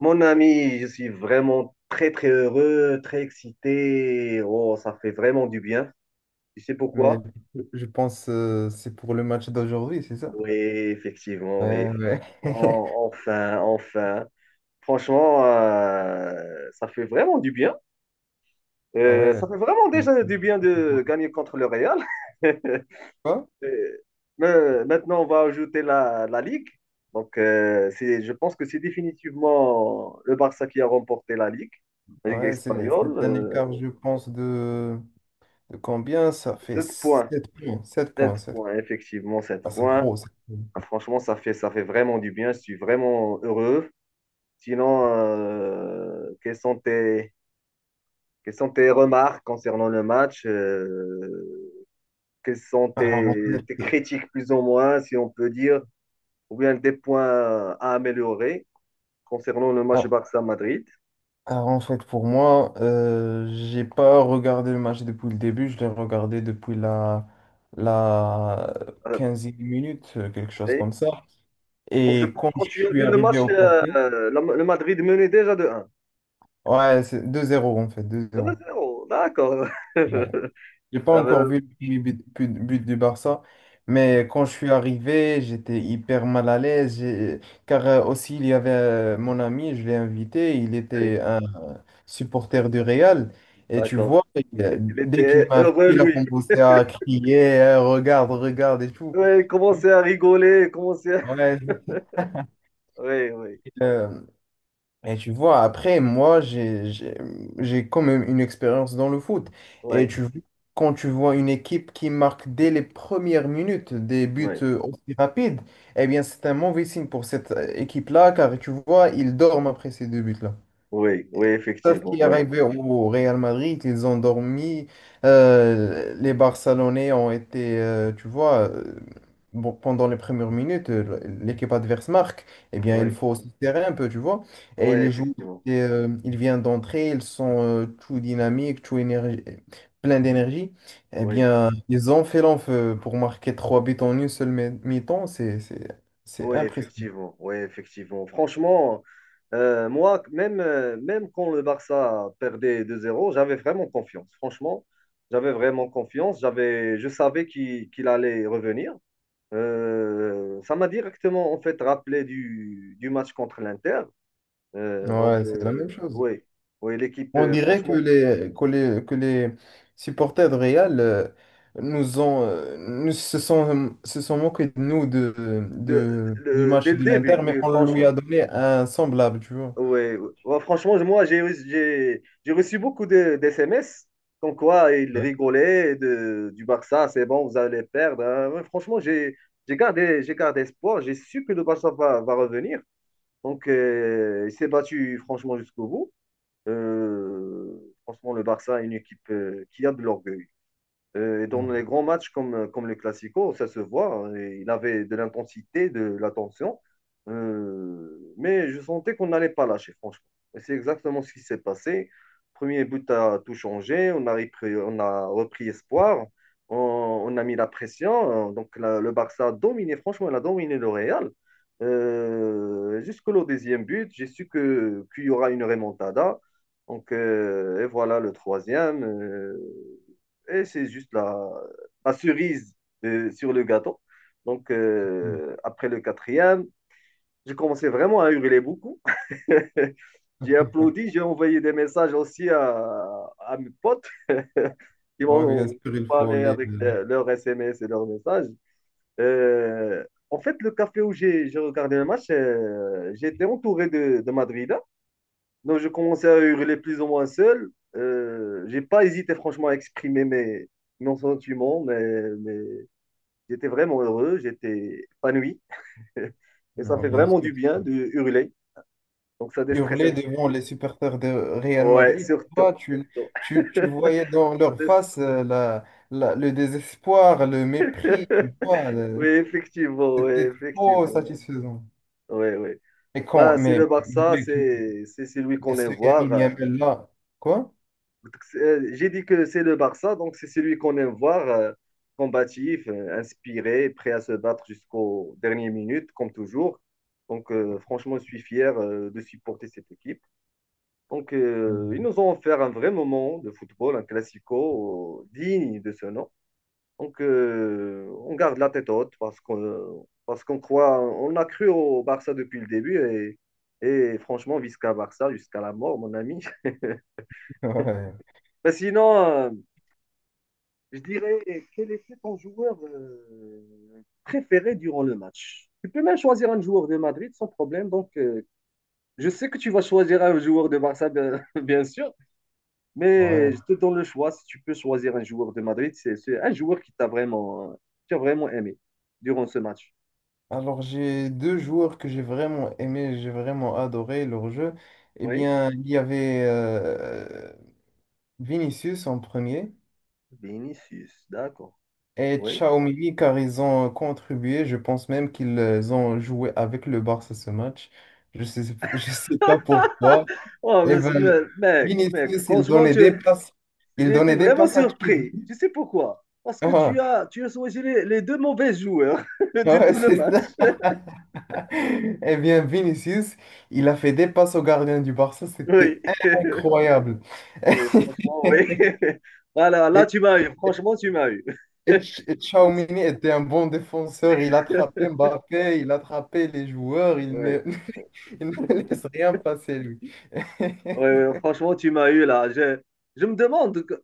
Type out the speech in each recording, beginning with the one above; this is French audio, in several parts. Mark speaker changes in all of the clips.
Speaker 1: Mon ami, je suis vraiment très très heureux, très excité. Oh, ça fait vraiment du bien. Tu sais
Speaker 2: Mais
Speaker 1: pourquoi?
Speaker 2: je pense c'est pour le match d'aujourd'hui, c'est ça?
Speaker 1: Oui, effectivement, oui,
Speaker 2: Ouais, ouais.
Speaker 1: effectivement. Enfin, enfin. Franchement, ça fait vraiment du bien.
Speaker 2: Ouais.
Speaker 1: Ça fait vraiment déjà du bien de gagner contre le Real.
Speaker 2: Quoi?
Speaker 1: Euh, mais maintenant, on va ajouter la Ligue. Donc, je pense que c'est définitivement le Barça qui a remporté la
Speaker 2: Ah
Speaker 1: Ligue
Speaker 2: ouais, c'est
Speaker 1: espagnole.
Speaker 2: un écart, je pense, de combien? Ça fait
Speaker 1: 7 points.
Speaker 2: 7 points, 7 points,
Speaker 1: 7
Speaker 2: 7.
Speaker 1: points, effectivement, 7
Speaker 2: Ah, c'est
Speaker 1: points.
Speaker 2: trop, c'est trop.
Speaker 1: Ah, franchement, ça fait vraiment du bien. Je suis vraiment heureux. Sinon, quelles sont tes remarques concernant le match? Quelles sont
Speaker 2: Alors, en fait,
Speaker 1: tes critiques, plus ou moins, si on peut dire, ou bien des points à améliorer concernant le match
Speaker 2: ah,
Speaker 1: Barça-Madrid?
Speaker 2: alors, en fait, pour moi, j'ai pas regardé le match depuis le début, je l'ai regardé depuis la
Speaker 1: Euh,
Speaker 2: quinzième minute, quelque chose
Speaker 1: oui.
Speaker 2: comme ça.
Speaker 1: Donc, je
Speaker 2: Et
Speaker 1: pense
Speaker 2: quand
Speaker 1: que quand
Speaker 2: je
Speaker 1: tu as
Speaker 2: suis
Speaker 1: vu le
Speaker 2: arrivé
Speaker 1: match,
Speaker 2: au café,
Speaker 1: le Madrid menait déjà de 1.
Speaker 2: ouais, c'est 2-0 en fait, deux
Speaker 1: 2
Speaker 2: zéro.
Speaker 1: zéro, d'accord.
Speaker 2: Ouais. J'ai pas
Speaker 1: Ah
Speaker 2: encore
Speaker 1: ben,
Speaker 2: vu le premier but, but du Barça, mais quand je suis arrivé, j'étais hyper mal à l'aise, car aussi il y avait mon ami, je l'ai invité, il
Speaker 1: oui,
Speaker 2: était un supporter du Real, et tu
Speaker 1: d'accord.
Speaker 2: vois,
Speaker 1: Il
Speaker 2: dès qu'il
Speaker 1: était
Speaker 2: m'a vu,
Speaker 1: heureux,
Speaker 2: il a
Speaker 1: lui.
Speaker 2: commencé à crier. Eh, regarde, regarde et tout.
Speaker 1: Oui, il commençait à rigoler, il commençait à...
Speaker 2: Ouais.
Speaker 1: Oui, oui,
Speaker 2: Et tu vois, après, moi, j'ai quand même une expérience dans le foot. Et
Speaker 1: oui,
Speaker 2: tu, quand tu vois une équipe qui marque dès les premières minutes des buts
Speaker 1: oui,
Speaker 2: aussi rapides, eh bien, c'est un mauvais signe pour cette équipe-là, car tu vois, ils dorment après ces deux buts-là.
Speaker 1: oui, oui,
Speaker 2: Sauf
Speaker 1: effectivement,
Speaker 2: qui est
Speaker 1: oui,
Speaker 2: arrivé au Real Madrid, ils ont dormi. Les Barcelonais ont été, tu vois, bon, pendant les premières minutes, l'équipe adverse marque. Eh bien, il
Speaker 1: oui,
Speaker 2: faut se serrer un peu, tu vois.
Speaker 1: oui,
Speaker 2: Et les joueurs,
Speaker 1: effectivement,
Speaker 2: ils viennent d'entrer, ils sont tout dynamiques, tout énergie, plein d'énergie. Eh
Speaker 1: oui,
Speaker 2: bien, ils ont fait l'enfeu pour marquer trois buts en une seule mi-temps. C'est
Speaker 1: oui,
Speaker 2: impressionnant.
Speaker 1: effectivement, oui, effectivement. Franchement, moi, même, même quand le Barça perdait 2-0, j'avais vraiment confiance. Franchement, j'avais vraiment confiance. J'avais, je savais qu'il allait revenir. Ça m'a directement, en fait, rappelé du match contre l'Inter. Donc,
Speaker 2: Ouais, c'est la même chose.
Speaker 1: oui, oui, l'équipe,
Speaker 2: On dirait que
Speaker 1: franchement,
Speaker 2: les supporters de Real nous ont, nous se sont moqués de nous de,
Speaker 1: de-
Speaker 2: du
Speaker 1: dès
Speaker 2: match
Speaker 1: le
Speaker 2: de l'Inter,
Speaker 1: début,
Speaker 2: mais
Speaker 1: oui,
Speaker 2: on lui
Speaker 1: franchement.
Speaker 2: a donné un semblable, tu vois.
Speaker 1: Oui, ouais. Ouais, franchement, j'ai reçu beaucoup de, d'SMS, comme quoi ils
Speaker 2: Ouais.
Speaker 1: rigolaient de, du Barça, c'est bon, vous allez perdre, hein. Ouais, franchement, j'ai gardé espoir, j'ai su que le Barça va revenir. Donc, il s'est battu, franchement, jusqu'au bout. Euh, Franchement, le Barça est une équipe qui a de l'orgueil. Et dans les
Speaker 2: Non.
Speaker 1: grands matchs comme le Classico, ça se voit, hein, et il avait de l'intensité, de l'attention. Mais je sentais qu'on n'allait pas lâcher, franchement. Et c'est exactement ce qui s'est passé. Premier but a tout changé. On a repris espoir. On, on a mis la pression, hein. Donc le Barça a dominé, franchement, il a dominé le Real. Jusqu'au deuxième but, j'ai su que qu'il y aura une remontada. Donc, et voilà le troisième. Et c'est juste la cerise sur le gâteau. Donc, après le quatrième, j'ai commencé vraiment à hurler beaucoup. J'ai applaudi, j'ai envoyé des messages aussi à mes potes qui
Speaker 2: Non, bien
Speaker 1: m'ont
Speaker 2: sûr, il faut
Speaker 1: parlé
Speaker 2: les,
Speaker 1: avec leurs SMS et leurs messages. Euh, en fait, le café où j'ai regardé le match, j'étais entouré de Madrid. Donc, je commençais à hurler plus ou moins seul. J'ai pas hésité, franchement, à exprimer mes sentiments, mais j'étais vraiment heureux, j'étais épanoui. Et ça
Speaker 2: non,
Speaker 1: fait
Speaker 2: bien
Speaker 1: vraiment
Speaker 2: sûr.
Speaker 1: du bien de hurler. Donc, ça déstresse un
Speaker 2: Hurler
Speaker 1: petit
Speaker 2: devant
Speaker 1: peu.
Speaker 2: les supporters de Real
Speaker 1: Ouais,
Speaker 2: Madrid. Toi,
Speaker 1: surtout.
Speaker 2: tu,
Speaker 1: Surtout.
Speaker 2: tu, tu voyais dans
Speaker 1: Ça
Speaker 2: leur face la, le désespoir, le
Speaker 1: déstresse.
Speaker 2: mépris, tu vois.
Speaker 1: Oui,
Speaker 2: Le-
Speaker 1: effectivement, oui,
Speaker 2: c'était trop
Speaker 1: effectivement.
Speaker 2: satisfaisant.
Speaker 1: Oui, oui.
Speaker 2: Mais quand
Speaker 1: Bah, c'est le
Speaker 2: mais
Speaker 1: Barça,
Speaker 2: mec,
Speaker 1: c'est celui
Speaker 2: mais
Speaker 1: qu'on aime
Speaker 2: ce
Speaker 1: voir.
Speaker 2: Yamin
Speaker 1: Euh,
Speaker 2: Yamel là, quoi?
Speaker 1: donc, j'ai dit que c'est le Barça, donc c'est celui qu'on aime voir, combatif, inspiré, prêt à se battre jusqu'aux dernières minutes, comme toujours. Donc franchement, je suis fier de supporter cette équipe. Donc ils nous ont offert un vrai moment de football, un classico digne de ce nom. Donc on garde la tête haute parce qu'on croit, on a cru au Barça depuis le début et franchement, visca Barça jusqu'à la mort, mon ami.
Speaker 2: Ouais,
Speaker 1: Mais sinon, je dirais, quel était ton joueur préféré durant le match? Tu peux même choisir un joueur de Madrid sans problème. Donc, je sais que tu vas choisir un joueur de Barça, bien, bien sûr,
Speaker 2: ouais.
Speaker 1: mais je te donne le choix. Si tu peux choisir un joueur de Madrid, c'est un joueur qui t'a vraiment, tu as vraiment aimé durant ce match.
Speaker 2: Alors j'ai deux joueurs que j'ai vraiment aimé, j'ai vraiment adoré leur jeu. Eh
Speaker 1: Oui,
Speaker 2: bien, il y avait Vinicius en premier
Speaker 1: Vinicius, d'accord.
Speaker 2: et
Speaker 1: Oui.
Speaker 2: Xiaomini car ils ont contribué. Je pense même qu'ils ont joué avec le Barça ce match. Je sais, je sais pas pourquoi.
Speaker 1: Oh,
Speaker 2: Eh ben,
Speaker 1: mec, mec,
Speaker 2: Vinicius,
Speaker 1: franchement,
Speaker 2: il
Speaker 1: j'ai été
Speaker 2: donnait des
Speaker 1: vraiment
Speaker 2: passes à
Speaker 1: surpris.
Speaker 2: Chilwell.
Speaker 1: Tu sais pourquoi? Parce que tu as choisi les deux mauvais joueurs
Speaker 2: Ah
Speaker 1: de tout
Speaker 2: ouais,
Speaker 1: le
Speaker 2: c'est
Speaker 1: match.
Speaker 2: ça. Eh bien, Vinicius, il a fait des passes au gardien du Barça,
Speaker 1: Oui,
Speaker 2: c'était incroyable.
Speaker 1: oui, franchement, oui. Voilà, là,
Speaker 2: Et,
Speaker 1: tu m'as eu. Franchement, tu m'as eu.
Speaker 2: Ch- et Tchouaméni était un bon défenseur, il attrapait Mbappé, il attrapait les joueurs, il ne,
Speaker 1: Oui,
Speaker 2: il ne laisse rien passer, lui.
Speaker 1: oui, oui, franchement, tu m'as eu là. Je me demande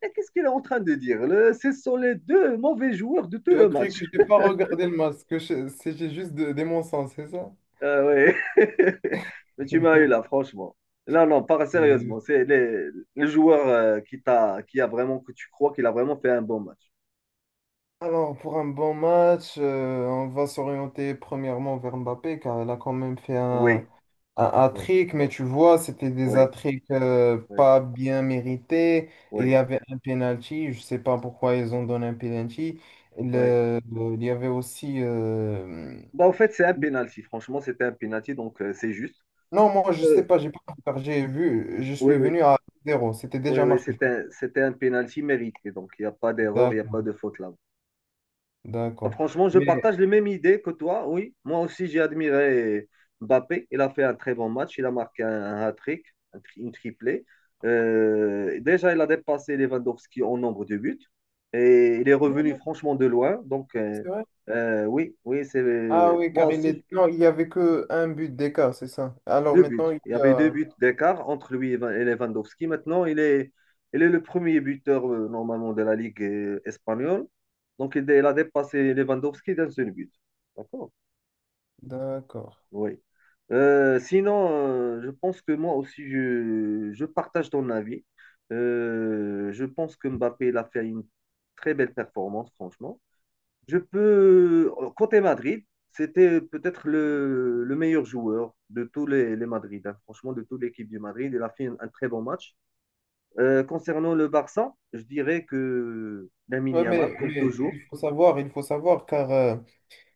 Speaker 1: qu'est-ce qu'il est en train de dire. Ce sont les deux mauvais joueurs de tout
Speaker 2: Tu as
Speaker 1: le
Speaker 2: cru
Speaker 1: match.
Speaker 2: que j'ai pas regardé le match, que je- c'est j'ai juste de, des mensonges, c'est ça?
Speaker 1: Euh, ouais. Mais tu m'as eu là, franchement. Là, non, pas sérieusement.
Speaker 2: Mhm.
Speaker 1: Le joueur qui t'a, qui a vraiment, que tu crois qu'il a vraiment fait un bon match.
Speaker 2: Alors, pour un bon match, on va s'orienter premièrement vers Mbappé, car il a quand même fait
Speaker 1: Oui,
Speaker 2: un
Speaker 1: oui,
Speaker 2: hat-trick, mais tu vois, c'était des hat
Speaker 1: oui, oui,
Speaker 2: pas bien mérités. Il y
Speaker 1: oui,
Speaker 2: avait un penalty, je sais pas pourquoi ils ont donné un penalty.
Speaker 1: oui.
Speaker 2: Il y avait aussi. Euh,
Speaker 1: Bah, en fait, c'est un penalty. Franchement, c'était un penalty, donc c'est juste.
Speaker 2: non, moi, je sais
Speaker 1: Euh,
Speaker 2: pas, j'ai pas regardé, j'ai vu, je
Speaker 1: oui,
Speaker 2: suis
Speaker 1: oui,
Speaker 2: venu à zéro, c'était
Speaker 1: oui,
Speaker 2: déjà
Speaker 1: oui,
Speaker 2: marqué.
Speaker 1: c'était c'était un penalty mérité. Donc, il n'y a pas d'erreur, il n'y a
Speaker 2: D'accord,
Speaker 1: pas de faute là. Ah,
Speaker 2: d'accord.
Speaker 1: franchement, je
Speaker 2: Mais.
Speaker 1: partage les mêmes idées que toi, oui. Moi aussi, j'ai admiré Mbappé. Il a fait un très bon match. Il a marqué un hat-trick, une triplée. Déjà, il a dépassé Lewandowski en nombre de buts. Et il est
Speaker 2: Non,
Speaker 1: revenu
Speaker 2: non,
Speaker 1: franchement de loin. Donc,
Speaker 2: c'est vrai.
Speaker 1: oui, oui, c'est
Speaker 2: Ah oui,
Speaker 1: moi
Speaker 2: car il
Speaker 1: aussi,
Speaker 2: est... non, il y avait que un but d'écart, c'est ça. Alors
Speaker 1: deux buts.
Speaker 2: maintenant, il
Speaker 1: Il y
Speaker 2: y
Speaker 1: avait deux
Speaker 2: a.
Speaker 1: buts d'écart entre lui et Lewandowski. Maintenant, il est le premier buteur normalement de la Ligue espagnole. Donc, il a dépassé Lewandowski d'un seul but. D'accord?
Speaker 2: D'accord.
Speaker 1: Oui. Sinon, je pense que moi aussi, je partage ton avis. Je pense que Mbappé, il a fait une très belle performance, franchement. Je peux, côté Madrid, c'était peut-être le meilleur joueur de tous les Madrid, hein. Franchement, de toute l'équipe du Madrid. Il a fait un très bon match. Concernant le Barça, je dirais que Lamine
Speaker 2: Ouais,
Speaker 1: Yamal, comme
Speaker 2: mais
Speaker 1: toujours.
Speaker 2: il faut savoir, car. Euh,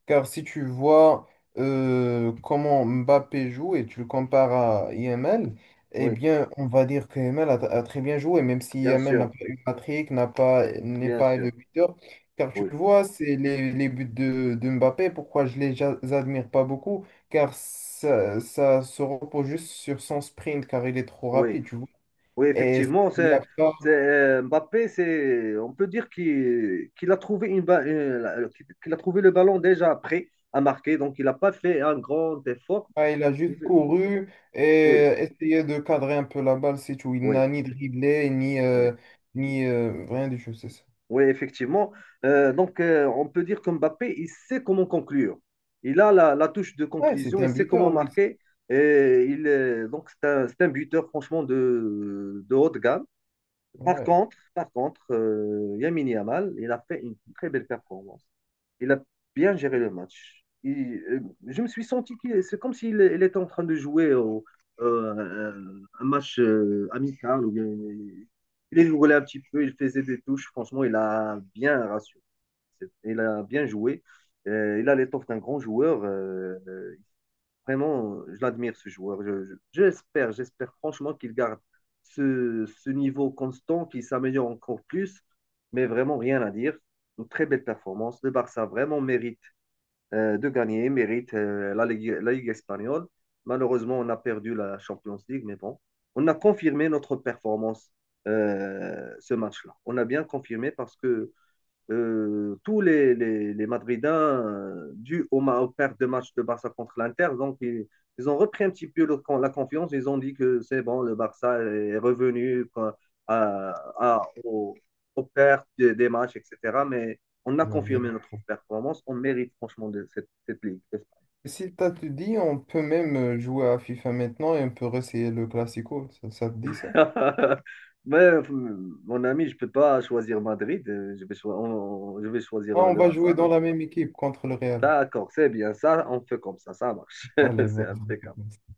Speaker 2: car si tu vois comment Mbappé joue et tu le compares à Yamal, eh
Speaker 1: Oui,
Speaker 2: bien, on va dire que Yamal a très bien joué, même si
Speaker 1: bien
Speaker 2: Yamal n'a
Speaker 1: sûr,
Speaker 2: pas eu Patrick, n'a pas, n'est
Speaker 1: bien
Speaker 2: pas le
Speaker 1: sûr.
Speaker 2: buteur. Car tu
Speaker 1: Oui,
Speaker 2: vois, c'est les buts de Mbappé, pourquoi je les ja- admire pas beaucoup, car ça se repose juste sur son sprint, car il est trop
Speaker 1: oui.
Speaker 2: rapide, tu vois.
Speaker 1: Oui,
Speaker 2: Et
Speaker 1: effectivement,
Speaker 2: il n'y a pas
Speaker 1: Mbappé, c'est, on peut dire qu'il a trouvé qu'il a trouvé le ballon déjà prêt à marquer, donc il n'a pas fait un grand effort.
Speaker 2: ah, il a juste
Speaker 1: Il-
Speaker 2: couru et
Speaker 1: Oui,
Speaker 2: essayé de cadrer un peu la balle, c'est tout. Il
Speaker 1: oui,
Speaker 2: n'a ni dribblé, ni,
Speaker 1: oui,
Speaker 2: ni rien du tout, c'est ça.
Speaker 1: oui, effectivement. Donc, on peut dire que Mbappé, il sait comment conclure. Il a la touche de
Speaker 2: Ouais, c'est
Speaker 1: conclusion, il
Speaker 2: un
Speaker 1: sait comment
Speaker 2: buteur, Louis.
Speaker 1: marquer. Donc, c'est un buteur, franchement, de haute gamme.
Speaker 2: Ouais,
Speaker 1: Par contre, Lamine Yamal, il a fait une très belle performance. Il a bien géré le match. Je me suis senti qu'il, c'est comme s'il il était en train de jouer au- euh, un match amical. Ou bien, il est joué un petit peu, il faisait des touches. Franchement, il a bien rassuré. Il a bien joué. Il a l'étoffe d'un grand joueur. Euh, vraiment, je l'admire, ce joueur. J'espère, j'espère franchement qu'il garde ce niveau constant, qu'il s'améliore encore plus. Mais vraiment, rien à dire. Une très belle performance. Le Barça vraiment mérite de gagner, mérite la Ligue espagnole. Malheureusement, on a perdu la Champions League, mais bon, on a confirmé notre performance ce match-là. On a bien confirmé parce que tous les Madridains, dus aux pertes de match de Barça contre l'Inter, donc ils ont repris un petit peu la confiance. Ils ont dit que c'est bon, le Barça est revenu quoi, à, à- au- aux pertes des matchs, etc. Mais on a
Speaker 2: j'avais
Speaker 1: confirmé
Speaker 2: bien.
Speaker 1: notre performance. On mérite franchement de cette, cette ligue.
Speaker 2: Si t'as te dit, on peut même jouer à FIFA maintenant et on peut essayer le Classico. Ça te dit ça?
Speaker 1: Mais mon ami, je ne peux pas choisir Madrid. Euh, je vais, je vais choisir
Speaker 2: Ah, on
Speaker 1: le
Speaker 2: va jouer
Speaker 1: Barça.
Speaker 2: dans la même équipe contre le Real.
Speaker 1: D'accord, c'est bien ça. On fait comme ça. Ça marche.
Speaker 2: Allez,
Speaker 1: C'est impeccable.
Speaker 2: vas-y.